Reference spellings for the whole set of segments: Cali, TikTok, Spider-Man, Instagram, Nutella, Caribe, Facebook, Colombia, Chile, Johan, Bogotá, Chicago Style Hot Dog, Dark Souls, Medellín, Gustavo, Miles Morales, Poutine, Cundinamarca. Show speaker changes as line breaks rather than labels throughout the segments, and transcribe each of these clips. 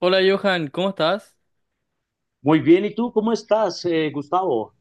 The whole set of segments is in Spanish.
Hola Johan, ¿cómo estás?
Muy bien, ¿y tú cómo estás, Gustavo?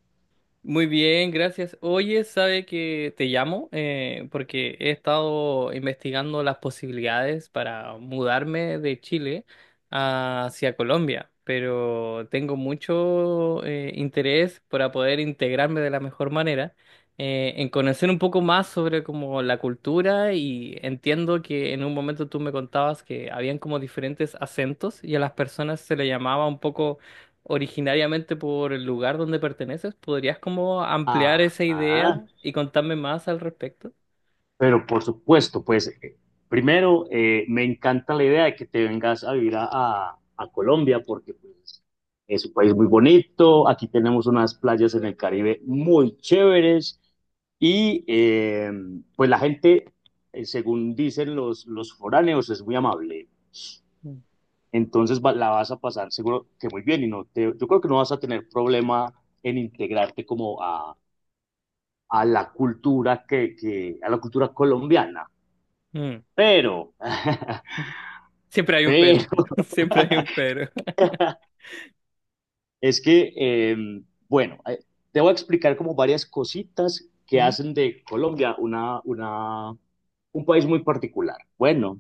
Muy bien, gracias. Oye, sabe que te llamo porque he estado investigando las posibilidades para mudarme de Chile hacia Colombia, pero tengo mucho interés para poder integrarme de la mejor manera, en conocer un poco más sobre como la cultura y entiendo que en un momento tú me contabas que habían como diferentes acentos y a las personas se le llamaba un poco originariamente por el lugar donde perteneces. ¿Podrías como
Ah,
ampliar esa
ah,
idea y contarme más al respecto?
pero por supuesto, pues primero me encanta la idea de que te vengas a vivir a Colombia porque pues, es un país muy bonito, aquí tenemos unas playas en el Caribe muy chéveres y pues la gente, según dicen los foráneos, es muy amable.
Mm.
Entonces la vas a pasar seguro que muy bien y no te, yo creo que no vas a tener problema en integrarte como a la cultura que a la cultura colombiana.
Mm.
Pero,
Ujú. Siempre hay un pero,
pero
siempre hay un pero.
es que, bueno, eh, te voy a explicar como varias cositas que
Mm,
hacen de Colombia un país muy particular. Bueno,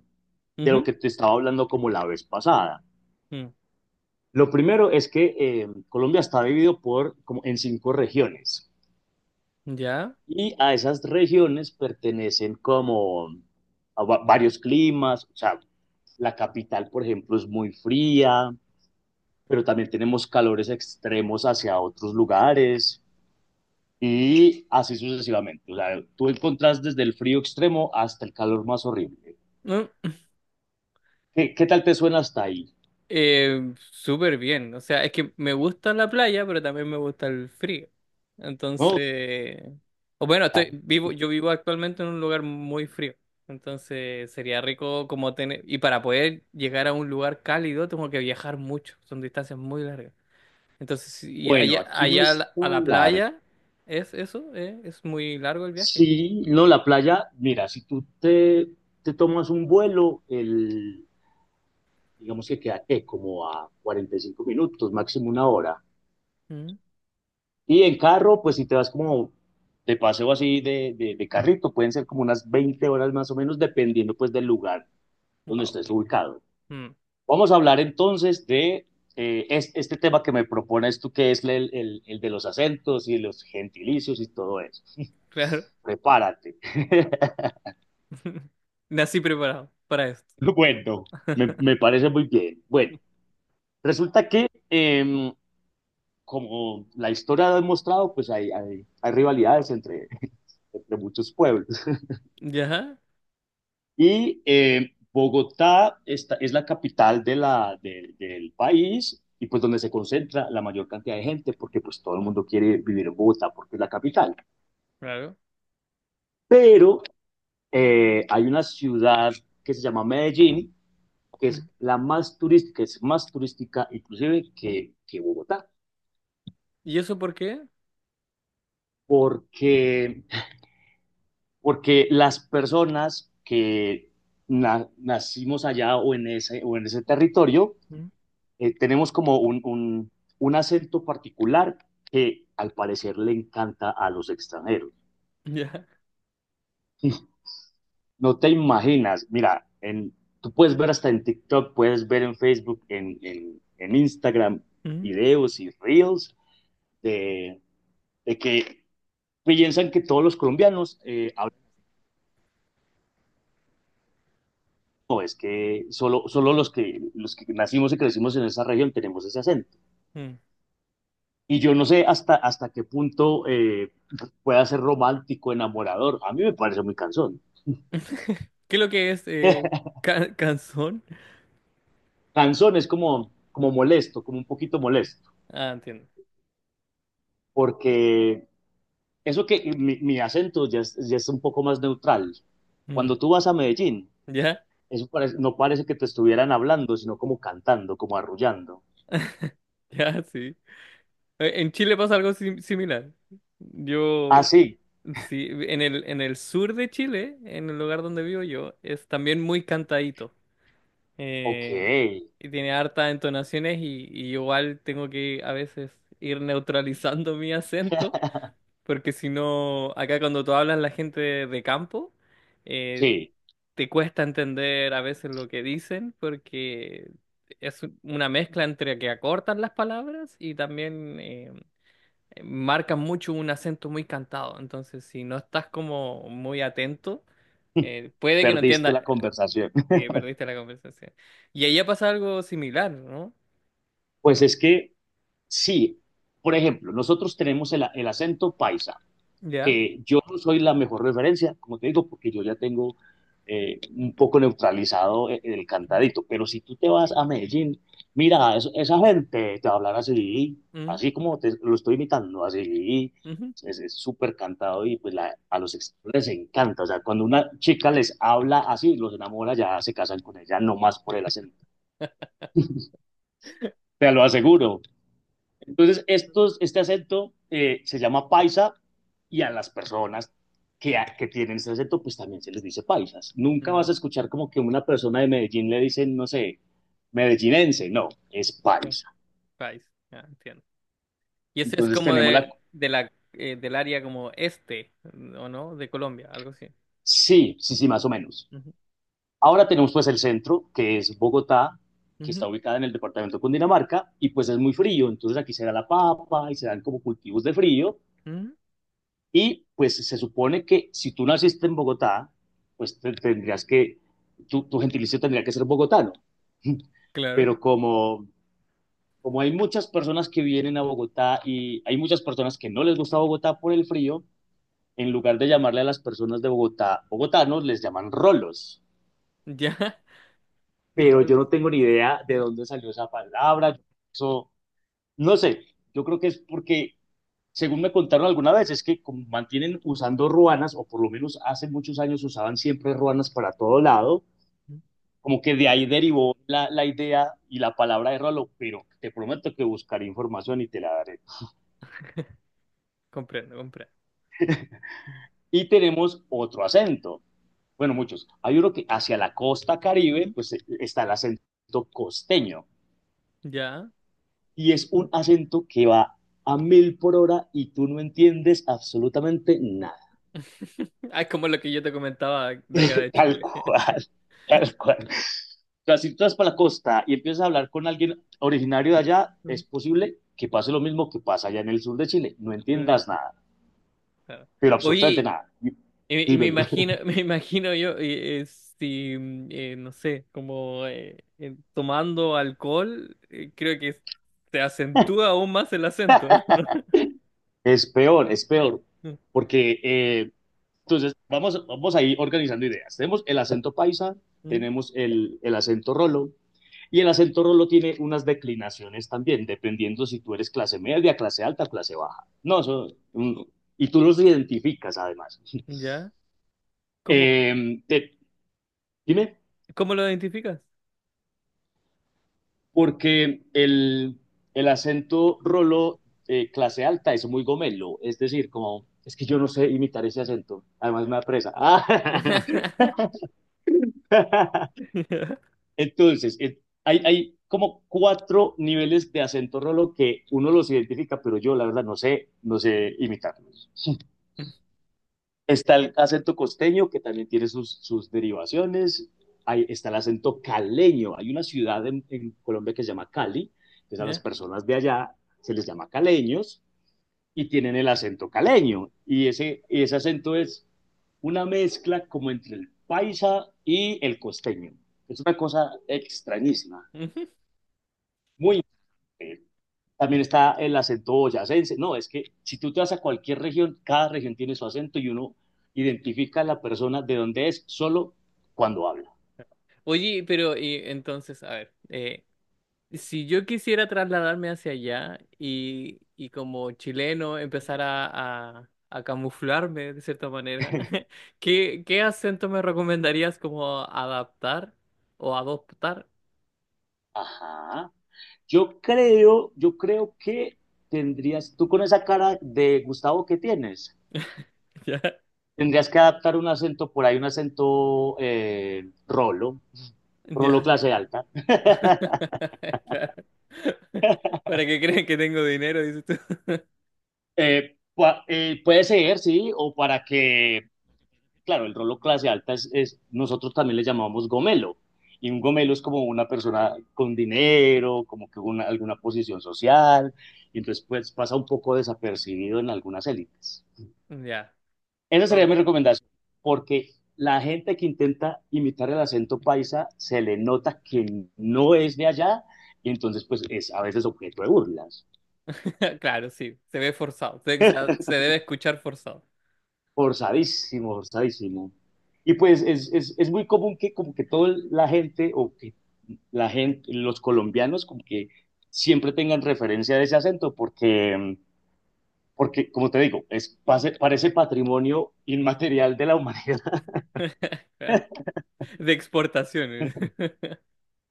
de lo
ujú,
que te estaba hablando como la vez pasada. Lo primero es que Colombia está dividido por, como en cinco regiones.
mm. ¿Ya?
Y a esas regiones pertenecen como a varios climas, o sea, la capital, por ejemplo, es muy fría, pero también tenemos calores extremos hacia otros lugares y así sucesivamente. O sea, tú encontrás desde el frío extremo hasta el calor más horrible.
Mm.
¿Qué tal te suena hasta ahí?
Súper bien, o sea, es que me gusta la playa, pero también me gusta el frío.
¿No?
Entonces, o bueno, estoy vivo, yo vivo actualmente en un lugar muy frío. Entonces, sería rico como tener, y para poder llegar a un lugar cálido, tengo que viajar mucho, son distancias muy largas. Entonces, y
Bueno,
allá,
aquí no
allá a
es
la
tan largo.
playa, ¿es eso? ¿Eh? ¿Es muy largo el viaje?
Sí, no, la playa, mira, si tú te, te tomas un vuelo, el, digamos que queda que como a 45 minutos, máximo una hora. Y en carro, pues si te vas como de paseo así de carrito, pueden ser como unas 20 horas más o menos, dependiendo pues del lugar donde
Wow.
estés ubicado. Vamos a hablar entonces de este tema que me propones tú, que es el de los acentos y los gentilicios y todo eso.
Claro.
Prepárate.
Nací preparado para esto.
Bueno, me parece muy bien. Bueno, resulta que como la historia ha demostrado, pues hay rivalidades entre, entre muchos pueblos.
Ya,
Y Bogotá es la capital de del país y pues donde se concentra la mayor cantidad de gente, porque pues todo el mundo quiere vivir en Bogotá porque es la capital.
claro.
Pero hay una ciudad que se llama Medellín, que es la más turística, es más turística inclusive que Bogotá,
¿Y eso por qué?
porque porque las personas que nacimos allá o en ese territorio,
Mm,
tenemos como un acento particular que al parecer le encanta a los extranjeros.
ya.
No te imaginas, mira, en, tú puedes ver hasta en TikTok, puedes ver en Facebook, en Instagram,
Mm,
videos y reels de, de que piensan que todos los colombianos hablan no, es que los que nacimos y crecimos en esa región tenemos ese acento.
mm,
Y yo no sé hasta qué punto pueda ser romántico, enamorador. A mí me parece muy cansón.
¿qué es lo que es canzón?
Cansón es como, como molesto, como un poquito molesto,
Ah, entiendo.
porque eso que mi acento ya es un poco más neutral.
Mm.
Cuando tú vas a Medellín,
Ya,
eso parece, no parece que te estuvieran hablando, sino como cantando, como arrullando.
ya, sí. En Chile pasa algo similar.
Ah,
Yo,
sí,
sí, en el sur de Chile, en el lugar donde vivo yo, es también muy cantadito. Eh,
ok,
y tiene hartas entonaciones y igual tengo que a veces ir neutralizando mi acento, porque si no, acá cuando tú hablas la gente de, campo, eh,
sí,
te cuesta entender a veces lo que dicen porque es una mezcla entre que acortan las palabras y también marcan mucho un acento muy cantado. Entonces, si no estás como muy atento, puede que no
perdiste
entiendas.
la conversación.
Sí, perdiste la conversación. Y ahí pasa algo similar, ¿no?
Pues es que sí, por ejemplo, nosotros tenemos el acento paisa,
Ya.
que yo no soy la mejor referencia, como te digo, porque yo ya tengo un poco neutralizado el, cantadito, pero si tú te vas a Medellín, mira, esa gente te va a hablar así,
Mm,
así como te lo estoy imitando, así,
ujú.
es súper cantado y pues a los extranjeros les encanta, o sea, cuando una chica les habla así, los enamora, ya se casan con ella, no más por el acento, te lo aseguro. Entonces, este acento se llama paisa y a las personas que tienen este acento, pues también se les dice paisas. Nunca
Mm,
vas a escuchar como que una persona de Medellín le dicen, no sé, medellinense, no, es
ya,
paisa.
país, ya, entiendo. Y ese es
Entonces
como
tenemos la...
de la, del área como este, ¿o no? De Colombia, algo así.
Sí, sí, sí, más o menos.
Ujú,
Ahora tenemos pues el centro, que es Bogotá, que
ujú.
está ubicada en el departamento de Cundinamarca, y pues es muy frío, entonces aquí se da la papa y se dan como cultivos de frío.
Mm,
Y pues se supone que si tú naciste en Bogotá, pues tu gentilicio tendría que ser bogotano.
claro,
Pero como, como hay muchas personas que vienen a Bogotá y hay muchas personas que no les gusta Bogotá por el frío, en lugar de llamarle a las personas de Bogotá bogotanos, les llaman rolos.
ya.
Pero yo
Rolos.
no tengo ni idea de
Mm,
dónde salió esa palabra. Eso, no sé, yo creo que es porque según me contaron alguna vez, es que como mantienen usando ruanas, o por lo menos hace muchos años usaban siempre ruanas para todo lado, como que de ahí derivó la idea y la palabra de Rolo, pero te prometo que buscaré información y te la daré.
comprendo, comprendo.
Y tenemos otro acento, bueno, muchos. Hay uno que hacia la costa caribe,
Mm,
pues está el acento costeño,
ya.
y es
Mm.
un acento que va a mil por hora y tú no entiendes absolutamente nada.
Ah, es como lo que yo te comentaba de acá de
Tal
Chile.
cual, tal cual. O sea, si tú vas para la costa y empiezas a hablar con alguien originario de allá,
Mm,
es posible que pase lo mismo que pasa allá en el sur de Chile. No
claro.
entiendas nada,
Claro.
pero absolutamente
Oye,
nada.
y me
Dímelo.
imagino, me imagino yo, si, no sé, como tomando alcohol, creo que se acentúa aún más el acento, ¿no?
Es peor, es peor.
Mm,
Porque, vamos a ir organizando ideas. Tenemos el acento paisa,
mm,
tenemos el acento rolo, y el acento rolo tiene unas declinaciones también, dependiendo si tú eres clase media, clase alta, clase baja. No, eso, mm, y tú los identificas además.
¿ya? ¿Cómo,
Eh, te, dime,
¿cómo lo identificas?
porque el acento rolo clase alta es muy gomelo, es decir, como es que yo no sé imitar ese acento, además me apresa. Ah, entonces, hay como cuatro niveles de acento rolo que uno los identifica, pero yo la verdad no sé, no sé imitarlo. Está el acento costeño, que también tiene sus derivaciones. Hay está el acento caleño. Hay una ciudad en Colombia que se llama Cali, que a las
¿Ya?
personas de allá se les llama caleños y tienen el acento caleño. Y ese acento es una mezcla como entre el paisa y el costeño. Es una cosa extrañísima, muy eh, también está el acento boyacense. No, es que si tú te vas a cualquier región, cada región tiene su acento y uno identifica a la persona de dónde es solo cuando habla.
Oye, pero y entonces, a ver, si yo quisiera trasladarme hacia allá y como chileno empezar a camuflarme de cierta manera, ¿qué acento me recomendarías como adaptar o adoptar?
Ajá. Yo creo que tendrías, tú con esa cara de Gustavo que tienes,
Ya,
tendrías que adaptar un acento por ahí, un acento rolo,
ya.
rolo clase alta.
Claro. Para que crean que tengo dinero, dices tú.
Puede ser, sí, o para que claro, el rolo clase alta es, nosotros también le llamamos gomelo, y un gomelo es como una persona con dinero, como que una, alguna posición social, y entonces pues pasa un poco desapercibido en algunas élites.
Ya.
Esa
Oh,
sería mi recomendación, porque la gente que intenta imitar el acento paisa se le nota que no es de allá, y entonces pues es a veces objeto de burlas.
claro, sí, se ve forzado, o sea, se debe escuchar forzado.
Forzadísimo, forzadísimo. Y pues es muy común que como que toda la gente o que la gente, los colombianos como que siempre tengan referencia de ese acento porque, porque como te digo, es, parece patrimonio inmaterial de la humanidad.
De exportaciones.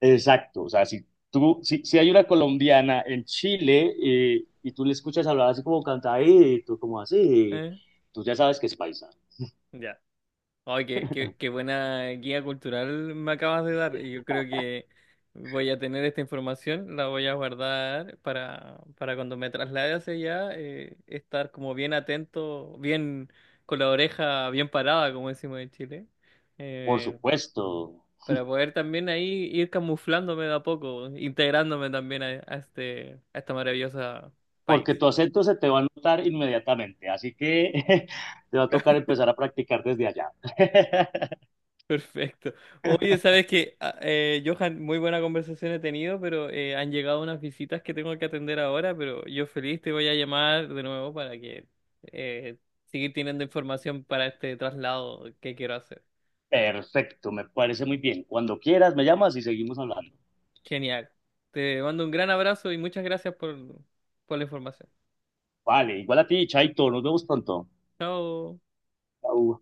Exacto, o sea, si tú, si, si hay una colombiana en Chile y tú le escuchas hablar así como cantadito, como así, tú ya sabes que es paisa,
Ya. Ay, qué buena guía cultural me acabas de dar. Y yo creo que voy a tener esta información, la voy a guardar para cuando me traslade hacia allá, estar como bien atento, bien con la oreja bien parada, como decimos en Chile,
por
eh,
supuesto.
para poder también ahí ir camuflándome de a poco, integrándome también a este maravilloso
Porque
país.
tu acento se te va a notar inmediatamente, así que te va a tocar empezar a practicar desde allá.
Perfecto. Oye, sabes que, Johan, muy buena conversación he tenido, pero han llegado unas visitas que tengo que atender ahora, pero yo feliz te voy a llamar de nuevo para que eh, seguir teniendo información para este traslado que quiero hacer.
Perfecto, me parece muy bien. Cuando quieras, me llamas y seguimos hablando.
Genial. Te mando un gran abrazo y muchas gracias por la información.
Vale, igual a ti, Chaito, nos vemos pronto.
Chao.
Chau.